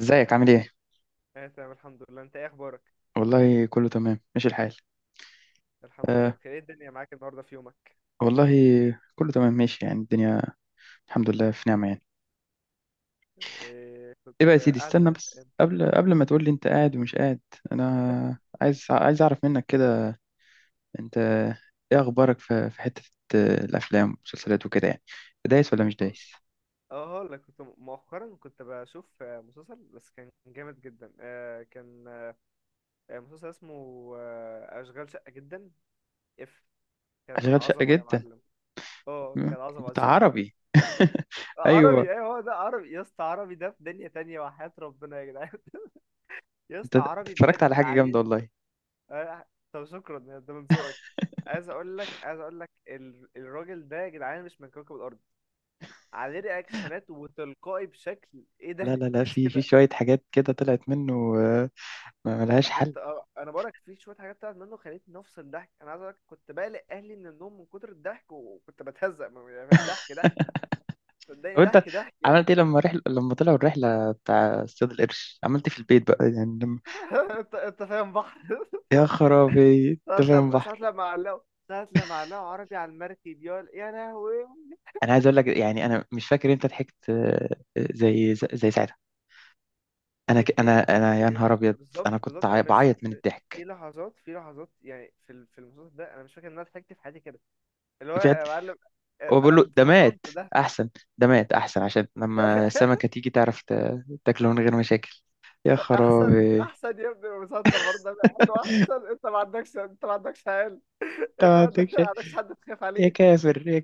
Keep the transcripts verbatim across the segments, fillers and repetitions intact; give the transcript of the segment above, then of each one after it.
ازيك عامل ايه؟ انا تمام الحمد لله. انت ايه اخبارك؟ والله كله تمام ماشي الحال. الحمد لله آه. بخير. ايه الدنيا معاك النهارده في يومك؟ والله كله تمام ماشي يعني الدنيا. الحمد لله في نعمة يعني. إيه؟ ايه بقى يا كنت سيدي، قاعد استنى بس زهقان كده. قبل قبل ما تقول لي انت قاعد ومش قاعد. انا عايز عايز اعرف منك كده، انت ايه اخبارك في في حتة آه، الافلام والمسلسلات وكده، يعني دايس ولا مش بص، دايس؟ اه هقول لك، كنت مؤخرا كنت بشوف آه، مسلسل بس كان جامد جدا، آه، كان آه، مسلسل اسمه آه، اشغال شقه جدا. اف، كان اشغال شقة عظمه يا جدا. معلم. اه م- كان عظمه، بتاع شفته. عربي؟ آه، ايوه. عربي، ايوه، هو ده عربي يا اسطى. عربي ده في دنيا تانية وحياة ربنا يا جدعان. يا انت اسطى انت عربي اتفرجت بجد على حاجة جامدة عليه. والله. آه، طب شكرا يا ده من ذوقك. عايز اقول لك عايز اقول لك ال- الراجل ده يا جدعان مش من كوكب الارض. عليه رياكشنات وتلقائي بشكل ايه، لا ده لا لا، مفيش في في كده. شوية حاجات كده طلعت منه، آه، ما ملهاش انا حل. كنت آه، انا بقولك في شويه حاجات بتاعت منه خلتني افصل ضحك. انا عايز اقولك كنت بقلق اهلي من النوم من كتر الضحك، وكنت بتهزق من- يعني ضحك ضحك، صدقني طب انت ضحك ضحك يعني. عملت ايه لما رحل... لما طلعوا الرحله بتاع اصطياد القرش، عملت ايه في البيت بقى يعني لما... انت انت فاهم بحر. يا خرابي، ساعة انت فاهم لما ساعة بحر! لما علقوا، ساعة لما علقوا عربي على المركب، يا يا لهوي. انا عايز اقول لك، يعني انا مش فاكر انت ضحكت آه، آه، زي زي ساعتها. انا ك... يعني انا انا يا بجد، نهار ابيض. بالظبط انا كنت بالظبط عاي- انا مش بعيط من م- في الضحك. لحظات، في لحظات يعني في ال- في المسلسل ده انا مش فاكر ان انا ضحكت في حياتي كده. اللي هو فعلا. يا معلم، آه، هو بقول له انا ده مات فصلت ده. احسن ده مات احسن عشان لما السمكه تيجي تعرف ت... تاكله من غير مشاكل. يا احسن خرابي! احسن يا ابني، المسلسل برضه، أنا- قال له احسن، انت ما عندكش انت ما عندكش عيال، انت انت ما ما عندك- عندكش، ما عندكش حد تخاف يا عليه. كافر يا!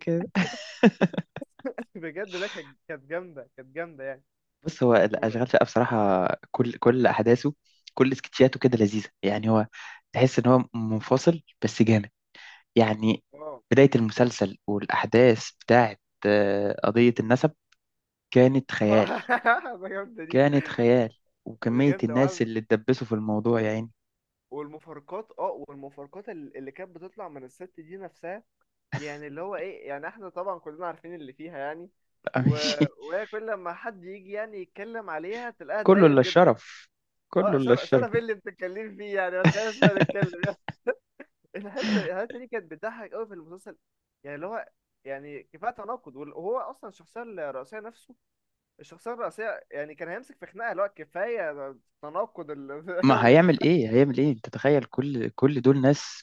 بجد لا، كانت كانت جامده، كانت جامده يعني. بص، هو و... الأشغال شقة بصراحة، كل كل أحداثه، كل سكتشاته كده لذيذة، يعني هو تحس إن هو منفصل بس جامد يعني. اه، بداية المسلسل والأحداث بتاعت آه، قضية النسب كانت خيال. ده جامده دي، كانت خيال. دي وكمية جامده، وعايز الناس اللي اتدبسوا في الموضوع يعني، والمفارقات. اه والمفارقات اللي اللي كانت بتطلع من الست دي نفسها، يعني اللي هو ايه، يعني احنا طبعا كلنا عارفين اللي فيها يعني. بقى و... مش. وهي كل لما حد يجي يعني يتكلم عليها تلاقيها كله اتضايقت إلا جدا. الشرف. كله اه إلا شرف، الشرف. شرف إيه اللي بتتكلمي فيه، يعني ما تخليناش بقى نتكلم يعني. الحته الحته دي كانت بتضحك قوي في المسلسل، يعني اللي هو، يعني كفايه تناقض وال- وهو اصلا الشخصيه الرئيسيه نفسه، الشخصيه الرئيسيه يعني كان هيمسك في خناقه اللي هو كفايه تناقض ما ال... هيعمل كفايه. إيه، هيعمل إيه؟ أنت تخيل كل كل دول ناس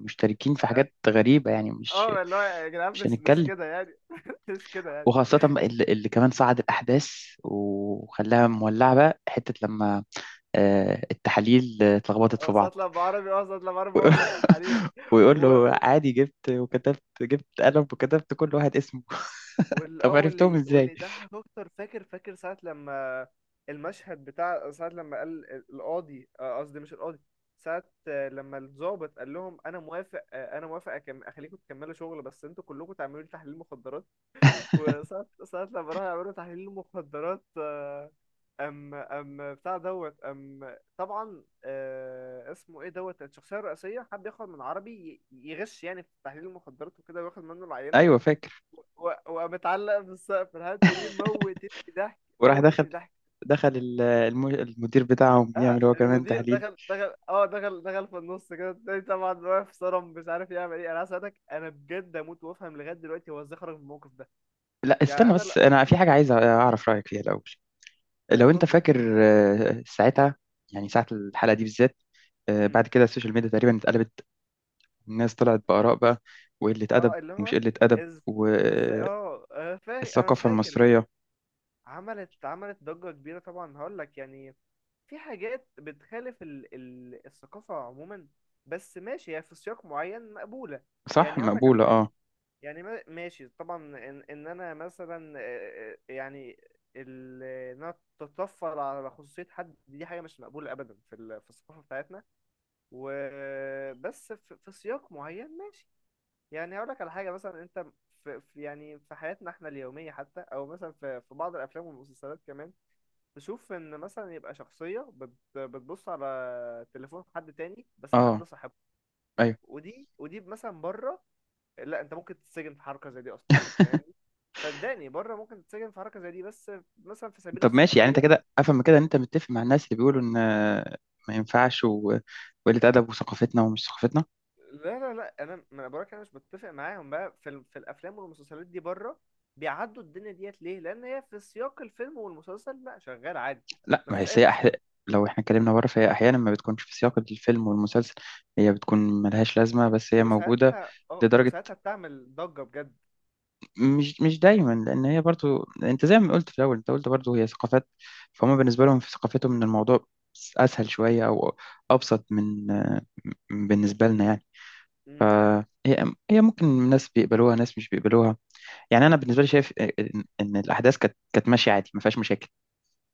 مشتركين في حاجات غريبة، يعني مش اه اللي هو يا جدعان مش مش مش هنتكلم. كده يعني، مش كده يعني. وخاصة بقى اللي اللي كمان صعد الأحداث وخلاها مولعة بقى، حتة لما آه، التحاليل آه، اتلخبطت في اه بعض. صوت لما عربي، اه صوت لما عربي بوظ التحاليل، ويقول له عادي، جبت وكتبت جبت قلم وكتبت كل واحد اسمه. وال اه طب عرفتهم واللي واللي ازاي؟ يضحك اكتر، فاكر فاكر ساعة لما، المشهد بتاع ساعة لما قال القاضي، آه، قصدي مش القاضي، ساعة آه، لما الضابط قال لهم انا موافق، آه، انا موافق، أكم... اخليكم تكملوا شغل بس انتوا كلكم تعملوا لي تحليل مخدرات. وساعة ساعة لما راحوا يعملوا تحليل مخدرات، آه، ام ام بتاع دوت ام طبعا، آه، اسمه ايه، دوت الشخصية الرئيسية حب ياخد من عربي ي- يغش يعني في تحليل المخدرات وكده وياخد منه العينة، أيوه، فاكر. ومتعلق بالسقف. الحته دي موتتني ضحك، وراح دخل موتتني ضحك. دخل ال- الم- المدير بتاعهم اه يعمل هو كمان المدير تحليل. دخل دخل اه دخل دخل في النص كده التاني طبعا، واقف صرم مش عارف يعمل ايه. انا عايز اسالك، انا بجد اموت وافهم لغايه دلوقتي هو ازاي خرج من الموقف ده. لا، يعني استنى انا بس، لا، أنا في حاجة عايز أعرف رأيك فيها الأول. لو أنت اتفضل. فاكر آه، ساعتها، يعني ساعة الحلقة دي بالذات آه، امم، بعد كده السوشيال ميديا تقريبا اتقلبت. الناس طلعت بآراء بقى، وقلة أدب اه اللي ومش هو قلة أدب، از ازاي، والثقافة اه انا فاكر انا فاكر المصرية. عملت عملت ضجه كبيره طبعا. هقول لك يعني، في حاجات بتخالف ال... ال... الثقافة عموما، بس ماشي هي في سياق معين مقبولة. صح، يعني هقول لك على مقبولة، حاجة، اه. يعني ما- ماشي طبعا، ان، إن انا مثلا آه، آه، يعني ال- ان انا تتطفل على خصوصيه حد، دي حاجه مش مقبوله ابدا في ال- في الثقافه بتاعتنا. وبس في, في سياق معين ماشي. يعني هقول لك على حاجه، مثلا انت في, في يعني في حياتنا احنا اليوميه حتى، او مثلا في, في بعض الافلام والمسلسلات كمان، تشوف ان مثلا يبقى شخصيه بت بتبص على تليفون حد تاني، بس اه. الحد ده صاحبه. ايوه. ودي ودي مثلا بره، لا انت ممكن تتسجن في حركه زي دي اصلا، فاهمني؟ صدقني بره ممكن تتسجن في حركه زي دي، بس مثلا في سبيل طب ماشي، يعني انت الصحوبيه. كده افهم من كده ان انت متفق مع الناس اللي بيقولوا ان آه، ما ينفعش، و- وقلة أدب وثقافتنا ومش ثقافتنا. لا لا لا انا ما، انا بقولك انا مش بتفق معاهم بقى في, ال- في الافلام والمسلسلات دي بره، بيعدوا الدنيا ديت ليه، لان هي في سياق الفيلم والمسلسل لا شغال عادي، لا، ما هي مفيش اي سيئة أح... مشكله. لو احنا اتكلمنا بره فهي أحيانا ما بتكونش في سياق الفيلم والمسلسل، هي بتكون ملهاش لازمة بس هي موجودة. وساعتها، اه لدرجة وساعتها بتعمل ضجه بجد. مش مش دايما، لان هي برضو، انت زي ما قلت في الاول، انت قلت برضو هي ثقافات. فهم بالنسبه لهم في ثقافتهم ان الموضوع اسهل شويه او ابسط من آه، بالنسبه لنا يعني. امم، فهي هي ممكن ناس بيقبلوها، ناس مش بيقبلوها. يعني انا بالنسبه لي شايف ان إن الاحداث كانت كانت ماشيه عادي، ما فيهاش مشاكل.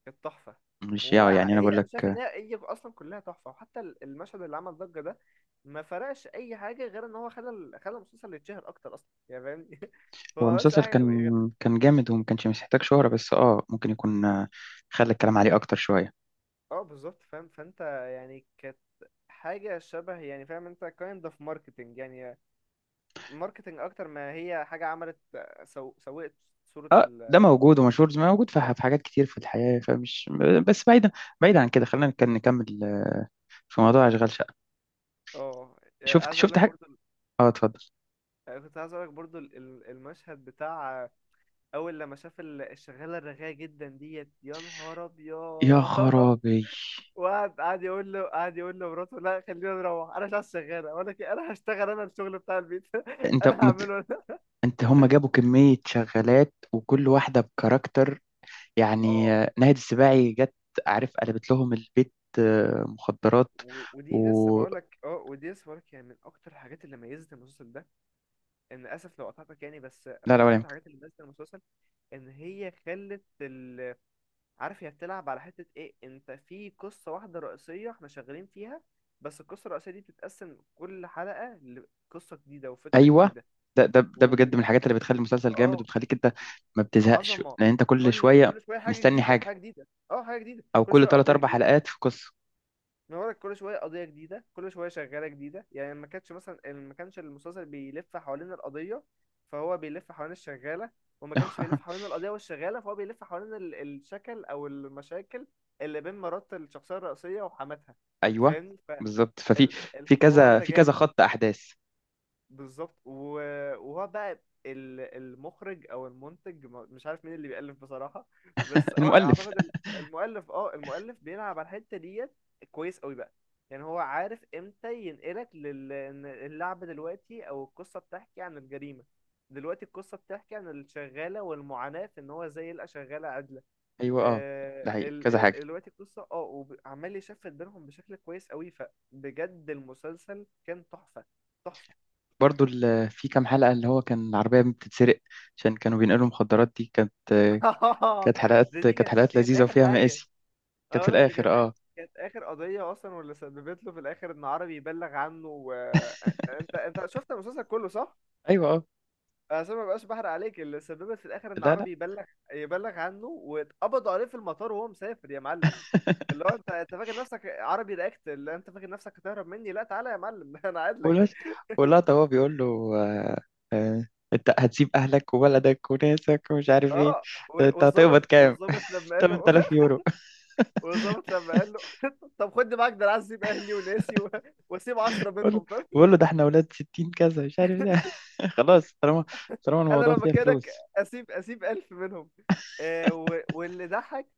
كانت تحفه. مش، هو يا يعني انا بقول هي، انا لك شايف ان آه، هي، هي اصلا كلها تحفه، وحتى ال- المشهد اللي عمل ضجه ده ما فرقش اي حاجه غير ان هو خلى ال- خلى المسلسل يتشهر اكتر اصلا يعني، فاهمني، هو هو بس المسلسل حاجه غير. كان كان جامد وما كانش محتاج شهره، بس اه ممكن يكون آه، خلى الكلام عليه اكتر شويه. اه بالظبط فاهم، فانت يعني كانت حاجة شبه، يعني فاهم انت kind of marketing يعني، marketing اكتر ما هي حاجة عملت، سو... سوقت صورة اه، ده ال-. موجود ومشهور زي ما موجود في في حاجات كتير في الحياة، فمش. بس بعيدا، بعيدا عن كده، خلينا نك- نكمل آه، في موضوع أشغال شقة. اه يعني شفت عايز اقول شفت لك حاجة؟ برضو، اه، اتفضل. كنت عايز اقول لك برضو ال- ال- المشهد بتاع اول لما شاف ال- الشغالة الرغاية جدا ديت، يا نهار ابيض. يا خرابي، وقعد قعد يقول له، قعد يقول له مراته لا خلينا نروح، انا مش عايز شغالة ولا كده. انا هشتغل انا، الشغل بتاع البيت، انت انا مت... هعمله انا. انت، هم جابوا كمية شغالات وكل واحدة بكاركتر، يعني اه آه، ناهد السباعي جت، عارف، قلبت لهم البيت آه، مخدرات، و- ودي لسه و. بقولك، اه ودي لسه بقولك، يعني من اكتر الحاجات اللي ميزت المسلسل ده، ان اسف لو قطعتك يعني، بس لا من لا، ولا اكتر يمكن. الحاجات اللي ميزت المسلسل ان هي خلت ال... عارف هي بتلعب على حتة ايه؟ انت في قصة واحدة رئيسية احنا شغالين فيها، بس القصة الرئيسية دي بتتقسم كل حلقة لقصة جديدة وفكرة ايوه، جديدة. ده ده ده و، بجد من الحاجات اللي بتخلي المسلسل جامد اه وبتخليك انت ما بتزهقش، عظمة، لان انت كل كل شوية كل شوية حاجة مستني جديدة، حاجة، حاجة جديدة، اه حاجة جديدة، او كل كل شوية ثلاث قضية اربع جديدة. حلقات في قصه. بنورك، كل شويه قضيه جديده، كل شويه شغاله جديده يعني. ما كانتش مثلا، ما كانش المسلسل بيلف حوالين القضيه فهو بيلف حوالين الشغاله، وما كانش بيلف حوالين القضيه والشغاله فهو بيلف حوالين ال- الشكل او المشاكل اللي بين مرات الشخصيه الرئيسيه وحماتها. ايوه فاهمني، بالظبط. ففي في فالحوار كذا ده في كذا جامد. خط احداث. بالظبط و- وهو بقى ال- المخرج او المنتج، م- مش عارف مين اللي بيألف بصراحة، بس اه المؤلف. اعتقد ال- المؤلف، اه المؤلف بيلعب على الحتة ديت كويس قوي بقى. يعني هو عارف امتى ينقلك لل، إن اللعبة دلوقتي او القصة بتحكي عن الجريمة، دلوقتي القصة بتحكي عن الشغالة والمعاناة في ان هو ازاي يلقى شغالة عادلة، ايوه، اه، ده آه، حقيقي ال- كذا حاجه. ال- دلوقتي القصة اه، وعمال يشفت بينهم بشكل كويس قوي. فبجد المسلسل كان تحفة، تحفة. برضو ال- في كام حلقه اللي هو كان العربيه بتتسرق عشان كانوا بينقلوا مخدرات. دي كانت كانت ده حلقات دي كانت كانت حلقات دي كانت لذيذه اخر وفيها حاجه، مآسي. انا كانت في بقول لك دي الاخر، كانت، اه. كانت اخر قضيه اصلا، واللي سببت له في الاخر ان عربي يبلغ عنه و... انت انت شفت المسلسل كله صح؟ ايوه، اه. عشان ما بقاش بحرق عليك، اللي سببت في الاخر ان لا لا. عربي يبلغ، يبلغ عنه، واتقبضوا عليه في المطار وهو مسافر يا معلم، اللي هو، انت انت فاكر نفسك عربي رياكت، اللي انت فاكر نفسك هتهرب مني، لا تعالى يا معلم، انا قاعد والواد، لك. واللقطه هو بيقول له، آه آه انت هتسيب اهلك وولدك وناسك ومش عارف ايه، اه و- انت هتقبض والظابط كام؟ والظابط لما قال له، ثمانية آلاف يورو. والظابط لما قال له، طب خد معاك ده، انا عايز اسيب اهلي وناسي و... واسيب عشرة بقول له منهم. بقول له ده احنا ولاد ستين كذا مش عارف ايه. خلاص، طالما طالما انا الموضوع لو فيها مكانك فلوس. اسيب، اسيب الف منهم. آه و- واللي ضحك،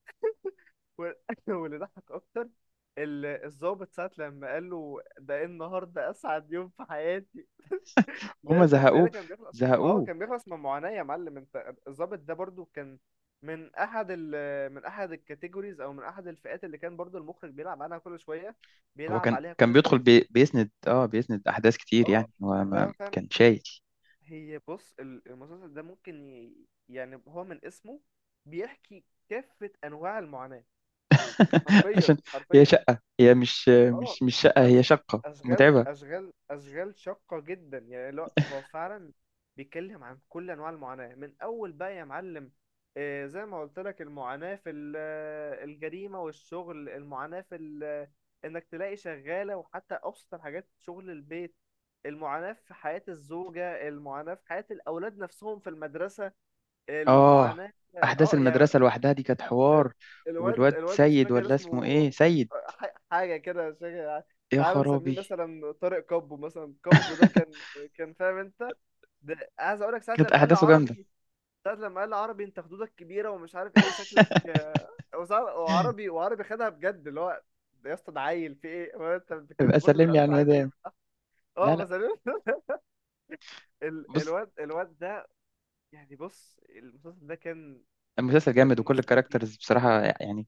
وال- واللي ضحك اكتر ال- الضابط ساعة لما قال له ده، إيه النهارده اسعد يوم في حياتي، هم لان لان زهقوه، كان بيخلص، اه زهقوه. كان بيخلص من معاناة يا معلم. انت الضابط ده برضو كان من احد ال من احد الكاتيجوريز، او من احد الفئات اللي كان برضو المخرج بيلعب عليها كل شوية، هو بيلعب كان عليها كان كل بيدخل، شوية. بي بيسند اه بيسند احداث كتير اه يعني، هو ما لا فاهم. كان شايل. هي بص ال- المسلسل ده ممكن ي... يعني هو من اسمه بيحكي كافة أنواع المعاناة، حرفيا عشان هي حرفيا. شقة، هي مش اه مش مش شقة، هي أش... شقة اشغال متعبة. اشغال اشغال شاقة جدا يعني، لا هو فعلا بيتكلم عن كل انواع المعاناة من اول بقى يا معلم. آه، زي ما قلت لك، المعاناة في ال- آه، الجريمة والشغل، المعاناة في ال- آه، انك تلاقي شغالة وحتى ابسط الحاجات شغل البيت، المعاناة في حياة الزوجة، المعاناة في حياة الاولاد نفسهم في المدرسة، اه، المعاناة. احداث اه يعني المدرسة لوحدها دي كانت ال- حوار. الواد والواد الواد مش سيد، فاكر ولا اسمه ايه؟ اسمه، سيد. ح- حاجة كده مش فاكر. يا تعال نسميه خرابي. مثلا طارق، كابو مثلا. كابو ده كان، كان فاهم انت، ده عايز اقول لك، ساعة كانت لما قال احداثه لي جامدة. عربي ساعة لما قال لي عربي، انت خدودك كبيرة ومش عارف ايه وشكلك آه، وساعة- وعربي وعربي خدها بجد اللي هو، ده يا اسطى ده عيل في ايه، هو انت أنت كانت ابقى برضه سلم ده لي على اكتر الحاجات اللي المدام. بتضحك. لا اه لا، بس أنا- ال- بص، الواد الواد ده، يعني بص المسلسل ده كان المسلسل بجد جامد وكل ماستر بيس. الكاركترز بصراحة، يعني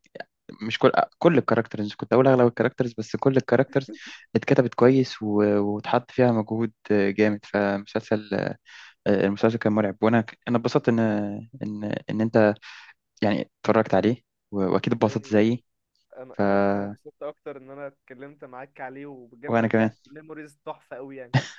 مش كل كل الكاركترز، كنت أقول أغلب الكاركترز، بس كل الكاركترز اتكتبت كويس و- واتحط فيها مجهود جامد. فمسلسل المسلسل كان مرعب. وأنا أنا اتبسطت إن إن إن أنت يعني اتفرجت عليه، و- وأكيد اتبسطت صدقني زيي. انا ف انا انا اتبسطت اكتر ان انا اتكلمت معاك عليه، وبجد وأنا كمان. رجعت ميموريز تحفة قوي يعني.